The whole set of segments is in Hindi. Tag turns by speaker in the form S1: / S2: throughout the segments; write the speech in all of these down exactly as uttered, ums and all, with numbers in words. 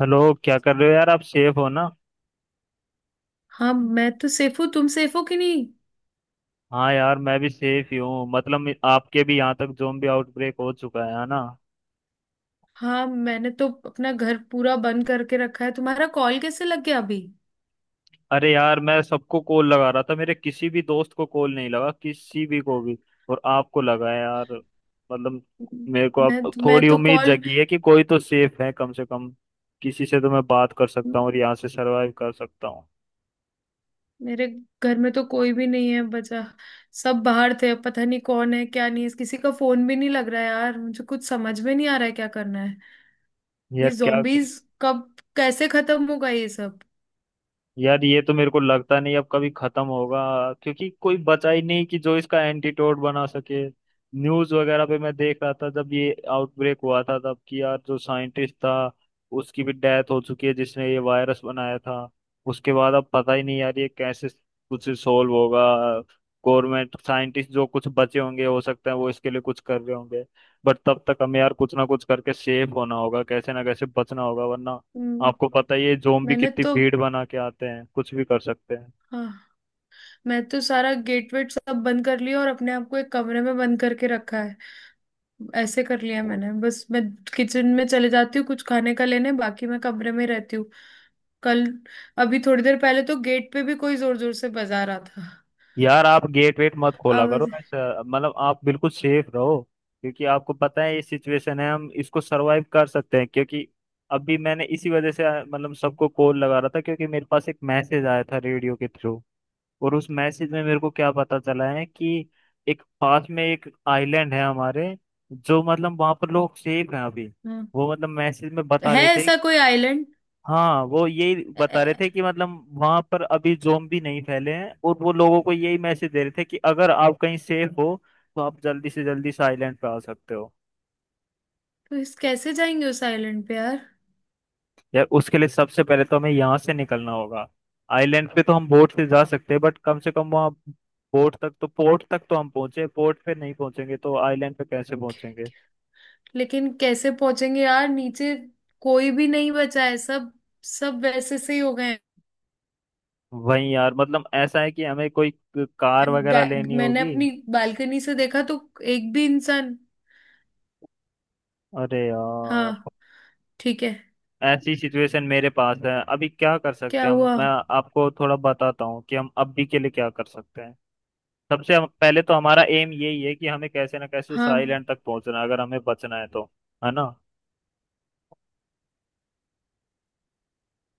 S1: हेलो, क्या कर रहे हो यार। आप सेफ हो ना।
S2: हाँ मैं तो सेफ हूँ। तुम सेफ हो कि नहीं।
S1: हाँ यार, मैं भी सेफ ही हूँ। मतलब मे- आपके भी यहाँ तक ज़ोंबी आउटब्रेक हो चुका है है ना।
S2: हाँ मैंने तो अपना घर पूरा बंद करके रखा है। तुम्हारा कॉल कैसे लग गया अभी।
S1: अरे यार, मैं सबको कॉल लगा रहा था, मेरे किसी भी दोस्त को कॉल नहीं लगा, किसी भी को भी। और आपको लगा है यार। मतलब मेरे को
S2: मैं
S1: अब
S2: मैं
S1: थोड़ी
S2: तो
S1: उम्मीद
S2: कॉल।
S1: जगी है कि कोई तो सेफ है कम से कम। किसी से तो मैं बात कर सकता हूँ और यहाँ से सरवाइव कर सकता हूँ।
S2: मेरे घर में तो कोई भी नहीं है बचा। सब बाहर थे, अब पता नहीं कौन है क्या नहीं है, किसी का फोन भी नहीं लग रहा है यार। मुझे कुछ समझ में नहीं आ रहा है क्या करना है। ये
S1: यार क्या।
S2: zombies कब कैसे खत्म होगा ये सब।
S1: यार ये तो मेरे को लगता नहीं अब कभी खत्म होगा, क्योंकि कोई बचा ही नहीं कि जो इसका एंटीटोड बना सके। न्यूज वगैरह पे मैं देख रहा था जब ये आउटब्रेक हुआ था तब, कि यार जो साइंटिस्ट था उसकी भी डेथ हो चुकी है, जिसने ये वायरस बनाया था। उसके बाद अब पता ही नहीं यार ये कैसे कुछ सोल्व होगा। गवर्नमेंट साइंटिस्ट जो कुछ बचे होंगे, हो सकता है वो इसके लिए कुछ कर रहे होंगे। बट तब तक हमें यार कुछ ना कुछ करके सेफ होना होगा, कैसे ना कैसे बचना होगा वरना।
S2: हम्म,
S1: आपको पता ही है जोम्बी
S2: मैंने
S1: कितनी
S2: तो।
S1: भीड़ बना के आते हैं, कुछ भी कर सकते हैं।
S2: हाँ, मैं तो सारा गेट वेट सब बंद कर लिया और अपने आप को एक कमरे में बंद करके रखा। ऐसे कर लिया मैंने। बस मैं किचन में चले जाती हूँ कुछ खाने का लेने, बाकी मैं कमरे में रहती हूँ। कल, अभी थोड़ी देर पहले तो गेट पे भी कोई जोर जोर से बजा रहा था।
S1: यार, आप गेट वेट मत खोला करो
S2: आवाज।
S1: ऐसा। मतलब आप बिल्कुल सेफ रहो, क्योंकि आपको पता है ये सिचुएशन है। हम इसको सरवाइव कर सकते हैं क्योंकि अभी मैंने इसी वजह से आ, मतलब सबको कॉल लगा रहा था, क्योंकि मेरे पास एक मैसेज आया था रेडियो के थ्रू। और उस मैसेज में मेरे को क्या पता चला है कि एक पास में एक आइलैंड है हमारे, जो मतलब वहां पर लोग सेफ हैं अभी।
S2: हाँ,
S1: वो मतलब मैसेज में बता
S2: है
S1: रहे थे।
S2: ऐसा कोई आइलैंड।
S1: हाँ, वो यही
S2: तो
S1: बता रहे थे कि मतलब वहां पर अभी ज़ोंबी नहीं फैले हैं, और वो लोगों को यही मैसेज दे रहे थे कि अगर आप कहीं सेफ हो तो आप जल्दी से जल्दी से आइलैंड पे आ सकते हो।
S2: इस कैसे जाएंगे उस आइलैंड पे यार।
S1: यार, उसके लिए सबसे पहले तो हमें यहाँ से निकलना होगा। आइलैंड पे तो हम बोट से जा सकते हैं, बट कम से कम वहाँ बोट तक तो, पोर्ट तक तो हम पहुंचे। पोर्ट पे नहीं पहुंचेंगे तो आइलैंड पे कैसे पहुंचेंगे।
S2: लेकिन कैसे पहुंचेंगे यार, नीचे कोई भी नहीं बचा है। सब सब वैसे से ही हो गए हैं।
S1: वही यार, मतलब ऐसा है कि हमें कोई कार वगैरह
S2: गा-
S1: लेनी
S2: मैंने
S1: होगी।
S2: अपनी बालकनी से देखा तो एक भी इंसान।
S1: अरे यार,
S2: हाँ, ठीक है।
S1: ऐसी सिचुएशन मेरे पास है अभी। क्या कर सकते
S2: क्या
S1: हैं हम।
S2: हुआ।
S1: मैं आपको थोड़ा बताता हूँ कि हम अभी के लिए क्या कर सकते हैं। सबसे हम- पहले तो हमारा एम यही है कि हमें कैसे ना कैसे उस
S2: हाँ
S1: आइलैंड तक पहुंचना है, अगर हमें बचना है तो। है ना।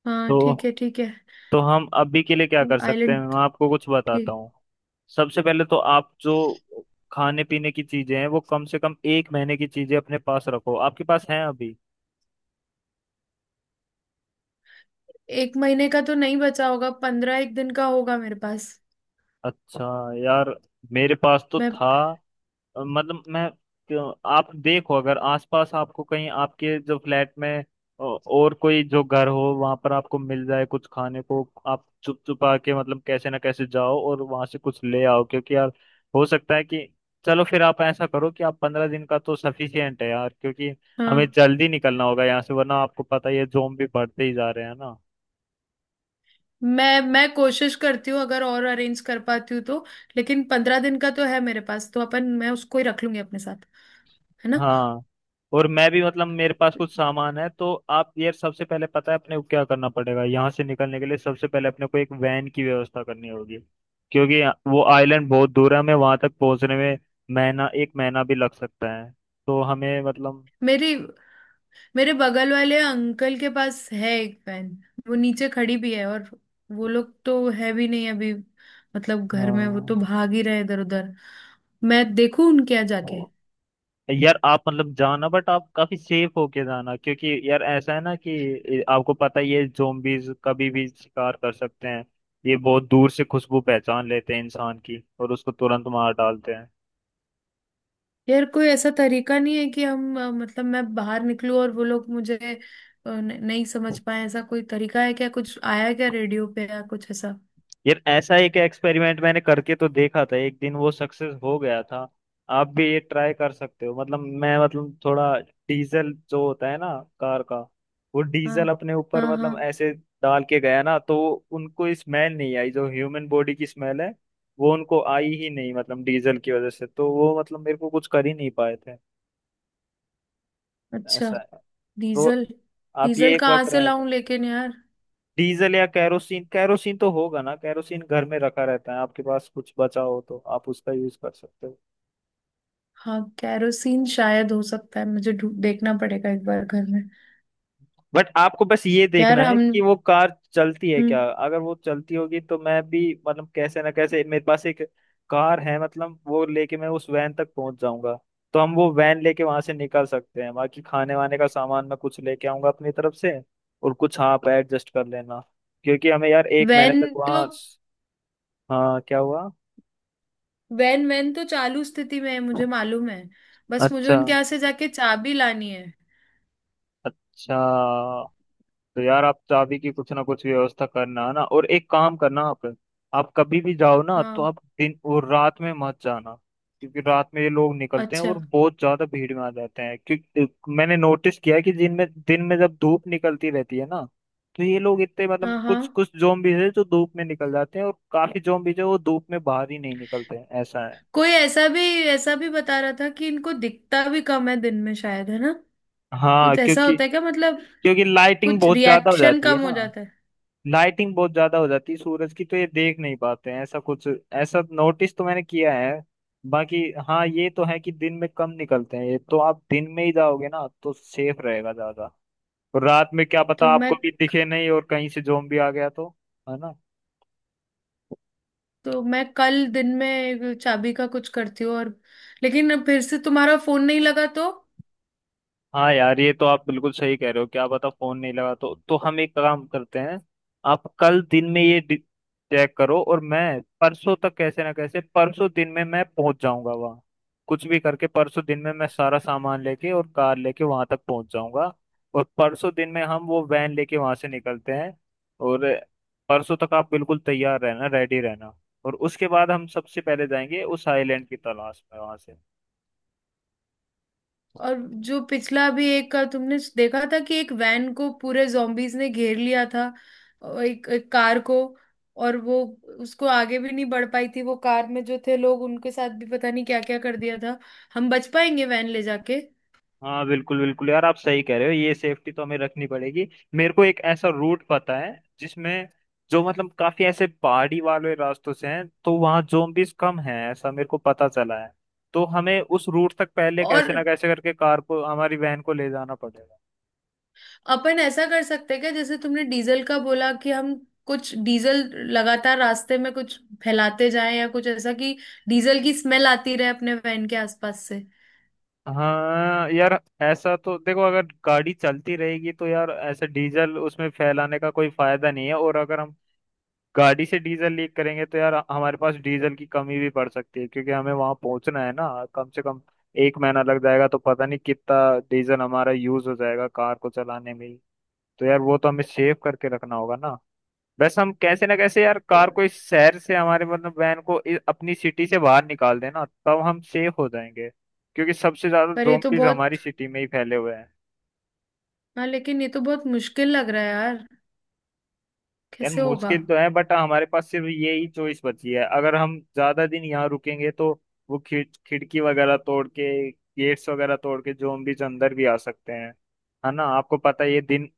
S2: हाँ, ठीक
S1: तो
S2: है ठीक है।
S1: तो हम अभी के लिए क्या कर सकते हैं
S2: आइलैंड।
S1: मैं आपको कुछ बताता
S2: ठीक।
S1: हूँ। सबसे पहले तो आप जो खाने पीने की चीजें हैं वो कम से कम एक महीने की चीजें अपने पास रखो। आपके पास हैं अभी।
S2: एक महीने का तो नहीं बचा होगा, पंद्रह एक दिन का होगा मेरे पास।
S1: अच्छा। यार मेरे पास तो
S2: मैं।
S1: था। मतलब मैं, क्यों- आप देखो अगर आसपास आपको कहीं आपके जो फ्लैट में अ, और कोई जो घर हो, वहां पर आपको मिल जाए कुछ खाने को, आप चुप चुपा के मतलब कैसे ना कैसे जाओ और वहां से कुछ ले आओ, क्योंकि यार हो सकता है कि, चलो फिर आप ऐसा करो कि आप पंद्रह दिन का तो सफिशियंट है यार, क्योंकि हमें
S2: हाँ,
S1: जल्दी निकलना होगा यहाँ से वरना आपको पता ही है जोम्बी बढ़ते ही जा रहे हैं ना।
S2: मैं मैं कोशिश करती हूँ, अगर और अरेंज कर पाती हूँ तो। लेकिन पंद्रह दिन का तो है मेरे पास, तो अपन मैं उसको ही रख लूंगी अपने साथ। है ना।
S1: हाँ। और मैं भी, मतलब मेरे पास कुछ सामान है। तो आप ये सबसे पहले पता है अपने को क्या करना पड़ेगा यहाँ से निकलने के लिए। सबसे पहले अपने को एक वैन की व्यवस्था करनी होगी, क्योंकि वो आइलैंड बहुत दूर है। हमें वहां तक पहुंचने में महीना, एक महीना भी लग सकता है। तो हमें मतलब,
S2: मेरी, मेरे बगल वाले अंकल के पास है एक वैन। वो नीचे खड़ी भी है, और वो लोग तो है भी नहीं अभी, मतलब घर में। वो
S1: हाँ
S2: तो भाग ही रहे इधर उधर। मैं देखूं उनके यहाँ जाके।
S1: यार आप मतलब जाना, बट आप काफी सेफ होके जाना, क्योंकि यार ऐसा है ना कि आपको पता है ये जोम्बीज कभी भी शिकार कर सकते हैं। ये बहुत दूर से खुशबू पहचान लेते हैं इंसान की और उसको तुरंत मार डालते
S2: यार, कोई ऐसा तरीका नहीं है कि हम अ, मतलब मैं बाहर निकलूं और वो लोग मुझे अ, न- नहीं समझ
S1: हैं।
S2: पाए। ऐसा कोई तरीका है क्या, कुछ आया क्या रेडियो पे या कुछ ऐसा।
S1: यार, ऐसा एक एक्सपेरिमेंट मैंने करके तो देखा था, एक दिन वो सक्सेस हो गया था। आप भी ये ट्राई कर सकते हो। मतलब मैं, मतलब थोड़ा डीजल जो होता है ना कार का, वो
S2: हाँ
S1: डीजल अपने ऊपर
S2: हाँ। हाँ,
S1: मतलब ऐसे डाल के गया ना, तो उनको स्मेल नहीं आई जो ह्यूमन बॉडी की स्मेल है, वो उनको आई ही नहीं। मतलब डीजल की वजह से तो वो मतलब मेरे को कुछ कर ही नहीं पाए थे।
S2: अच्छा।
S1: ऐसा है। तो
S2: डीजल।
S1: आप ये
S2: डीजल
S1: एक बार
S2: कहाँ से
S1: ट्राई।
S2: लाऊं लेकिन यार।
S1: डीजल या कैरोसिन कैरोसिन तो होगा ना, कैरोसिन घर में रखा रहता है, आपके पास कुछ बचा हो तो आप उसका यूज कर सकते हो।
S2: हाँ, कैरोसिन शायद हो सकता है, मुझे ढू- देखना पड़ेगा एक बार घर में।
S1: बट आपको बस ये देखना
S2: यार
S1: है
S2: हम।
S1: कि वो कार चलती है
S2: हम्म
S1: क्या। अगर वो चलती होगी तो मैं भी मतलब कैसे ना कैसे, मेरे पास एक कार है, मतलब वो लेके मैं उस वैन तक पहुंच जाऊंगा। तो हम वो वैन लेके वहां से निकल सकते हैं। बाकी खाने वाने का सामान मैं कुछ लेके आऊंगा अपनी तरफ से, और कुछ हाँ आप एडजस्ट कर लेना, क्योंकि हमें यार एक महीने
S2: वैन,
S1: तक
S2: तो
S1: वहाँ। हाँ क्या हुआ।
S2: वैन वैन तो चालू स्थिति में है मुझे मालूम है। बस मुझे
S1: अच्छा।
S2: उनके यहाँ से जाके चाबी लानी है।
S1: अच्छा, तो यार आप चाबी की कुछ ना कुछ व्यवस्था करना है ना। और एक काम करना आप आप कभी भी जाओ ना तो
S2: हाँ।
S1: आप दिन और रात में मत जाना, क्योंकि रात में ये लोग निकलते हैं
S2: अच्छा।
S1: और बहुत ज्यादा भीड़ में आ जाते हैं। क्योंकि मैंने नोटिस किया है कि दिन में दिन में जब धूप निकलती रहती है ना, तो ये लोग इतने
S2: हाँ
S1: मतलब
S2: हाँ,
S1: कुछ कुछ जोम्बीज है जो धूप में निकल जाते हैं, और काफी जोम्बीज है वो धूप में बाहर ही नहीं निकलते हैं। ऐसा है।
S2: कोई ऐसा भी, ऐसा भी बता रहा था कि इनको दिखता भी कम है दिन में शायद, है ना।
S1: हाँ,
S2: कुछ ऐसा
S1: क्योंकि
S2: होता है क्या मतलब,
S1: क्योंकि लाइटिंग
S2: कुछ
S1: बहुत ज्यादा हो
S2: रिएक्शन
S1: जाती है
S2: कम
S1: ना।
S2: हो जाता है।
S1: लाइटिंग बहुत ज्यादा हो जाती है सूरज की, तो ये देख नहीं पाते हैं ऐसा कुछ। ऐसा नोटिस तो मैंने किया है बाकी। हाँ ये तो है कि दिन में कम निकलते हैं, ये तो आप दिन में ही जाओगे ना तो सेफ रहेगा ज्यादा। और रात में क्या पता
S2: तो
S1: आपको
S2: मैं,
S1: भी दिखे नहीं, और कहीं से जोम्बी आ गया तो। है ना।
S2: तो मैं कल दिन में चाबी का कुछ करती हूँ। और लेकिन अब फिर से तुम्हारा फोन नहीं लगा तो।
S1: हाँ यार, ये तो आप बिल्कुल सही कह रहे हो। क्या पता फोन नहीं लगा तो तो हम एक काम करते हैं, आप कल दिन में ये चेक करो, और मैं परसों तक कैसे ना कैसे परसों दिन में मैं पहुंच जाऊंगा वहाँ। कुछ भी करके परसों दिन में मैं सारा सामान लेके और कार लेके वहां तक पहुंच जाऊंगा। और परसों दिन में हम वो वैन लेके वहां से निकलते हैं। और परसों तक आप बिल्कुल तैयार रहना, रेडी रहना। और उसके बाद हम सबसे पहले जाएंगे उस आइलैंड की तलाश में वहां से।
S2: और जो पिछला भी एक का तुमने देखा था कि एक वैन को पूरे zombies ने घेर लिया था और एक, एक कार को, और वो उसको आगे भी नहीं बढ़ पाई थी वो कार, में जो थे लोग उनके साथ भी पता नहीं क्या क्या कर दिया था। हम बच पाएंगे वैन ले जाके।
S1: हाँ बिल्कुल बिल्कुल यार आप सही कह रहे हो, ये सेफ्टी तो हमें रखनी पड़ेगी। मेरे को एक ऐसा रूट पता है जिसमें, जो मतलब काफी ऐसे पहाड़ी वाले रास्तों से हैं, तो वहाँ जोम्बिस कम हैं ऐसा मेरे को पता चला है। तो हमें उस रूट तक पहले
S2: और
S1: कैसे ना कैसे करके कार को, हमारी वैन को ले जाना पड़ेगा।
S2: अपन ऐसा कर सकते हैं क्या, जैसे तुमने डीजल का बोला, कि हम कुछ डीजल लगातार रास्ते में कुछ फैलाते जाएं, या कुछ ऐसा कि डीजल की स्मेल आती रहे अपने वैन के आसपास से।
S1: हाँ यार, ऐसा तो देखो, अगर गाड़ी चलती रहेगी तो यार ऐसे डीजल उसमें फैलाने का कोई फायदा नहीं है। और अगर हम गाड़ी से डीजल लीक करेंगे तो यार हमारे पास डीजल की कमी भी पड़ सकती है, क्योंकि हमें वहां पहुंचना है ना। कम से कम एक महीना लग जाएगा, तो पता नहीं कितना डीजल हमारा यूज हो जाएगा कार को चलाने में ही। तो यार, वो तो हमें सेव करके रखना होगा ना। बस हम कैसे ना कैसे यार कार को इस शहर से, हमारे मतलब वैन को इ- अपनी सिटी से बाहर निकाल देना, तब हम सेफ हो जाएंगे, क्योंकि सबसे ज्यादा
S2: पर ये तो
S1: जोम्बीज
S2: बहुत,
S1: हमारी सिटी में ही फैले हुए हैं।
S2: हाँ लेकिन ये तो बहुत मुश्किल लग रहा है यार।
S1: यार
S2: कैसे होगा।
S1: मुश्किल तो है, बट हमारे पास सिर्फ यही चॉइस बची है। अगर हम ज्यादा दिन यहाँ रुकेंगे तो वो खिड़ खिड़की वगैरह तोड़ के, गेट्स वगैरह तोड़ के zombies अंदर भी आ सकते हैं। है ना, आपको पता है ये दिन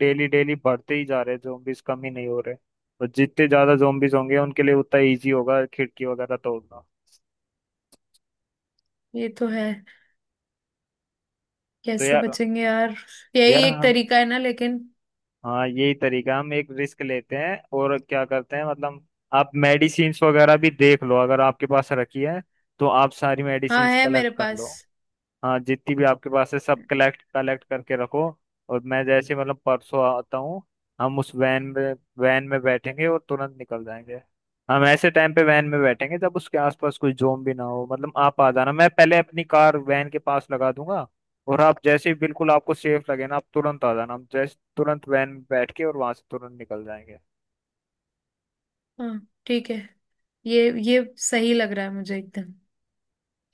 S1: डेली डेली बढ़ते ही जा रहे हैं, zombies कम ही नहीं हो रहे। और जितने ज्यादा zombies होंगे उनके लिए उतना इजी होगा खिड़की वगैरह तोड़ना।
S2: ये तो है।
S1: तो
S2: कैसे
S1: यार,
S2: बचेंगे यार। यही
S1: यार
S2: एक
S1: हाँ,
S2: तरीका है ना, लेकिन।
S1: हाँ यही तरीका। हम एक रिस्क लेते हैं और क्या करते हैं मतलब। आप मेडिसिन्स वगैरह भी देख लो, अगर आपके पास रखी है तो आप सारी
S2: हाँ,
S1: मेडिसिन्स
S2: है
S1: कलेक्ट
S2: मेरे
S1: कर लो।
S2: पास।
S1: हाँ, जितनी भी आपके पास है सब कलेक्ट कलेक्ट करके रखो। और मैं जैसे मतलब परसों आता हूँ, हम उस वैन में वैन में बैठेंगे और तुरंत निकल जाएंगे। हम ऐसे टाइम पे वैन में बैठेंगे जब उसके आसपास कोई जोम भी ना हो। मतलब आप आ जाना, मैं पहले अपनी कार वैन के पास लगा दूंगा, और आप जैसे ही बिल्कुल आपको सेफ लगे ना आप तुरंत आ जाना, हम जैसे तुरंत वैन में बैठ के और वहां से तुरंत निकल जाएंगे।
S2: हाँ ठीक है, ये ये सही लग रहा है मुझे एकदम।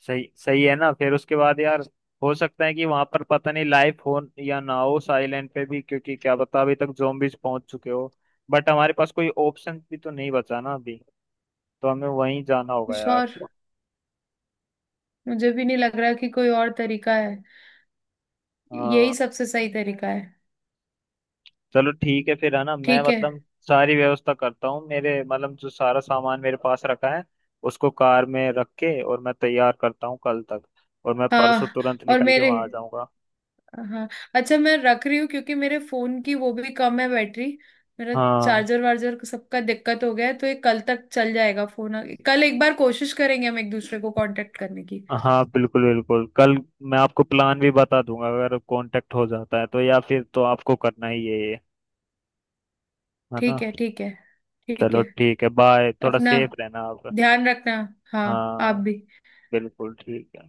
S1: सही, सही है ना। फिर उसके बाद यार हो सकता है कि वहां पर पता नहीं लाइफ हो या ना हो साइलेंट पे भी, क्योंकि क्या पता अभी तक zombies पहुंच चुके हो। बट हमारे पास कोई ऑप्शन भी तो नहीं बचा ना अभी, तो हमें वहीं जाना होगा
S2: कुछ
S1: यार।
S2: और, मुझे भी नहीं लग रहा कि कोई और तरीका है।
S1: हाँ।
S2: यही सबसे सही तरीका है।
S1: चलो ठीक है फिर, है ना। मैं
S2: ठीक है।
S1: मतलब सारी व्यवस्था करता हूँ, मेरे मतलब जो सारा सामान मेरे पास रखा है उसको कार में रख के, और मैं तैयार करता हूँ कल तक। और मैं परसों
S2: हाँ,
S1: तुरंत
S2: और
S1: निकल के
S2: मेरे।
S1: वहां आ जाऊंगा।
S2: हाँ, अच्छा मैं रख रही हूँ क्योंकि मेरे फोन की वो भी कम है बैटरी। मेरा
S1: हाँ।
S2: चार्जर वार्जर सबका दिक्कत हो गया है, तो ये कल तक चल जाएगा फोन। कल एक बार कोशिश करेंगे हम एक दूसरे को कांटेक्ट करने की।
S1: हाँ बिल्कुल बिल्कुल, कल मैं आपको प्लान भी बता दूंगा अगर कांटेक्ट हो जाता है तो, या फिर तो आपको करना ही है ये। है ना।
S2: ठीक है ठीक है। ठीक
S1: चलो
S2: है।
S1: ठीक है, बाय। थोड़ा
S2: अपना
S1: सेफ रहना आप।
S2: ध्यान रखना। हाँ, आप
S1: हाँ,
S2: भी।
S1: बिल्कुल ठीक है।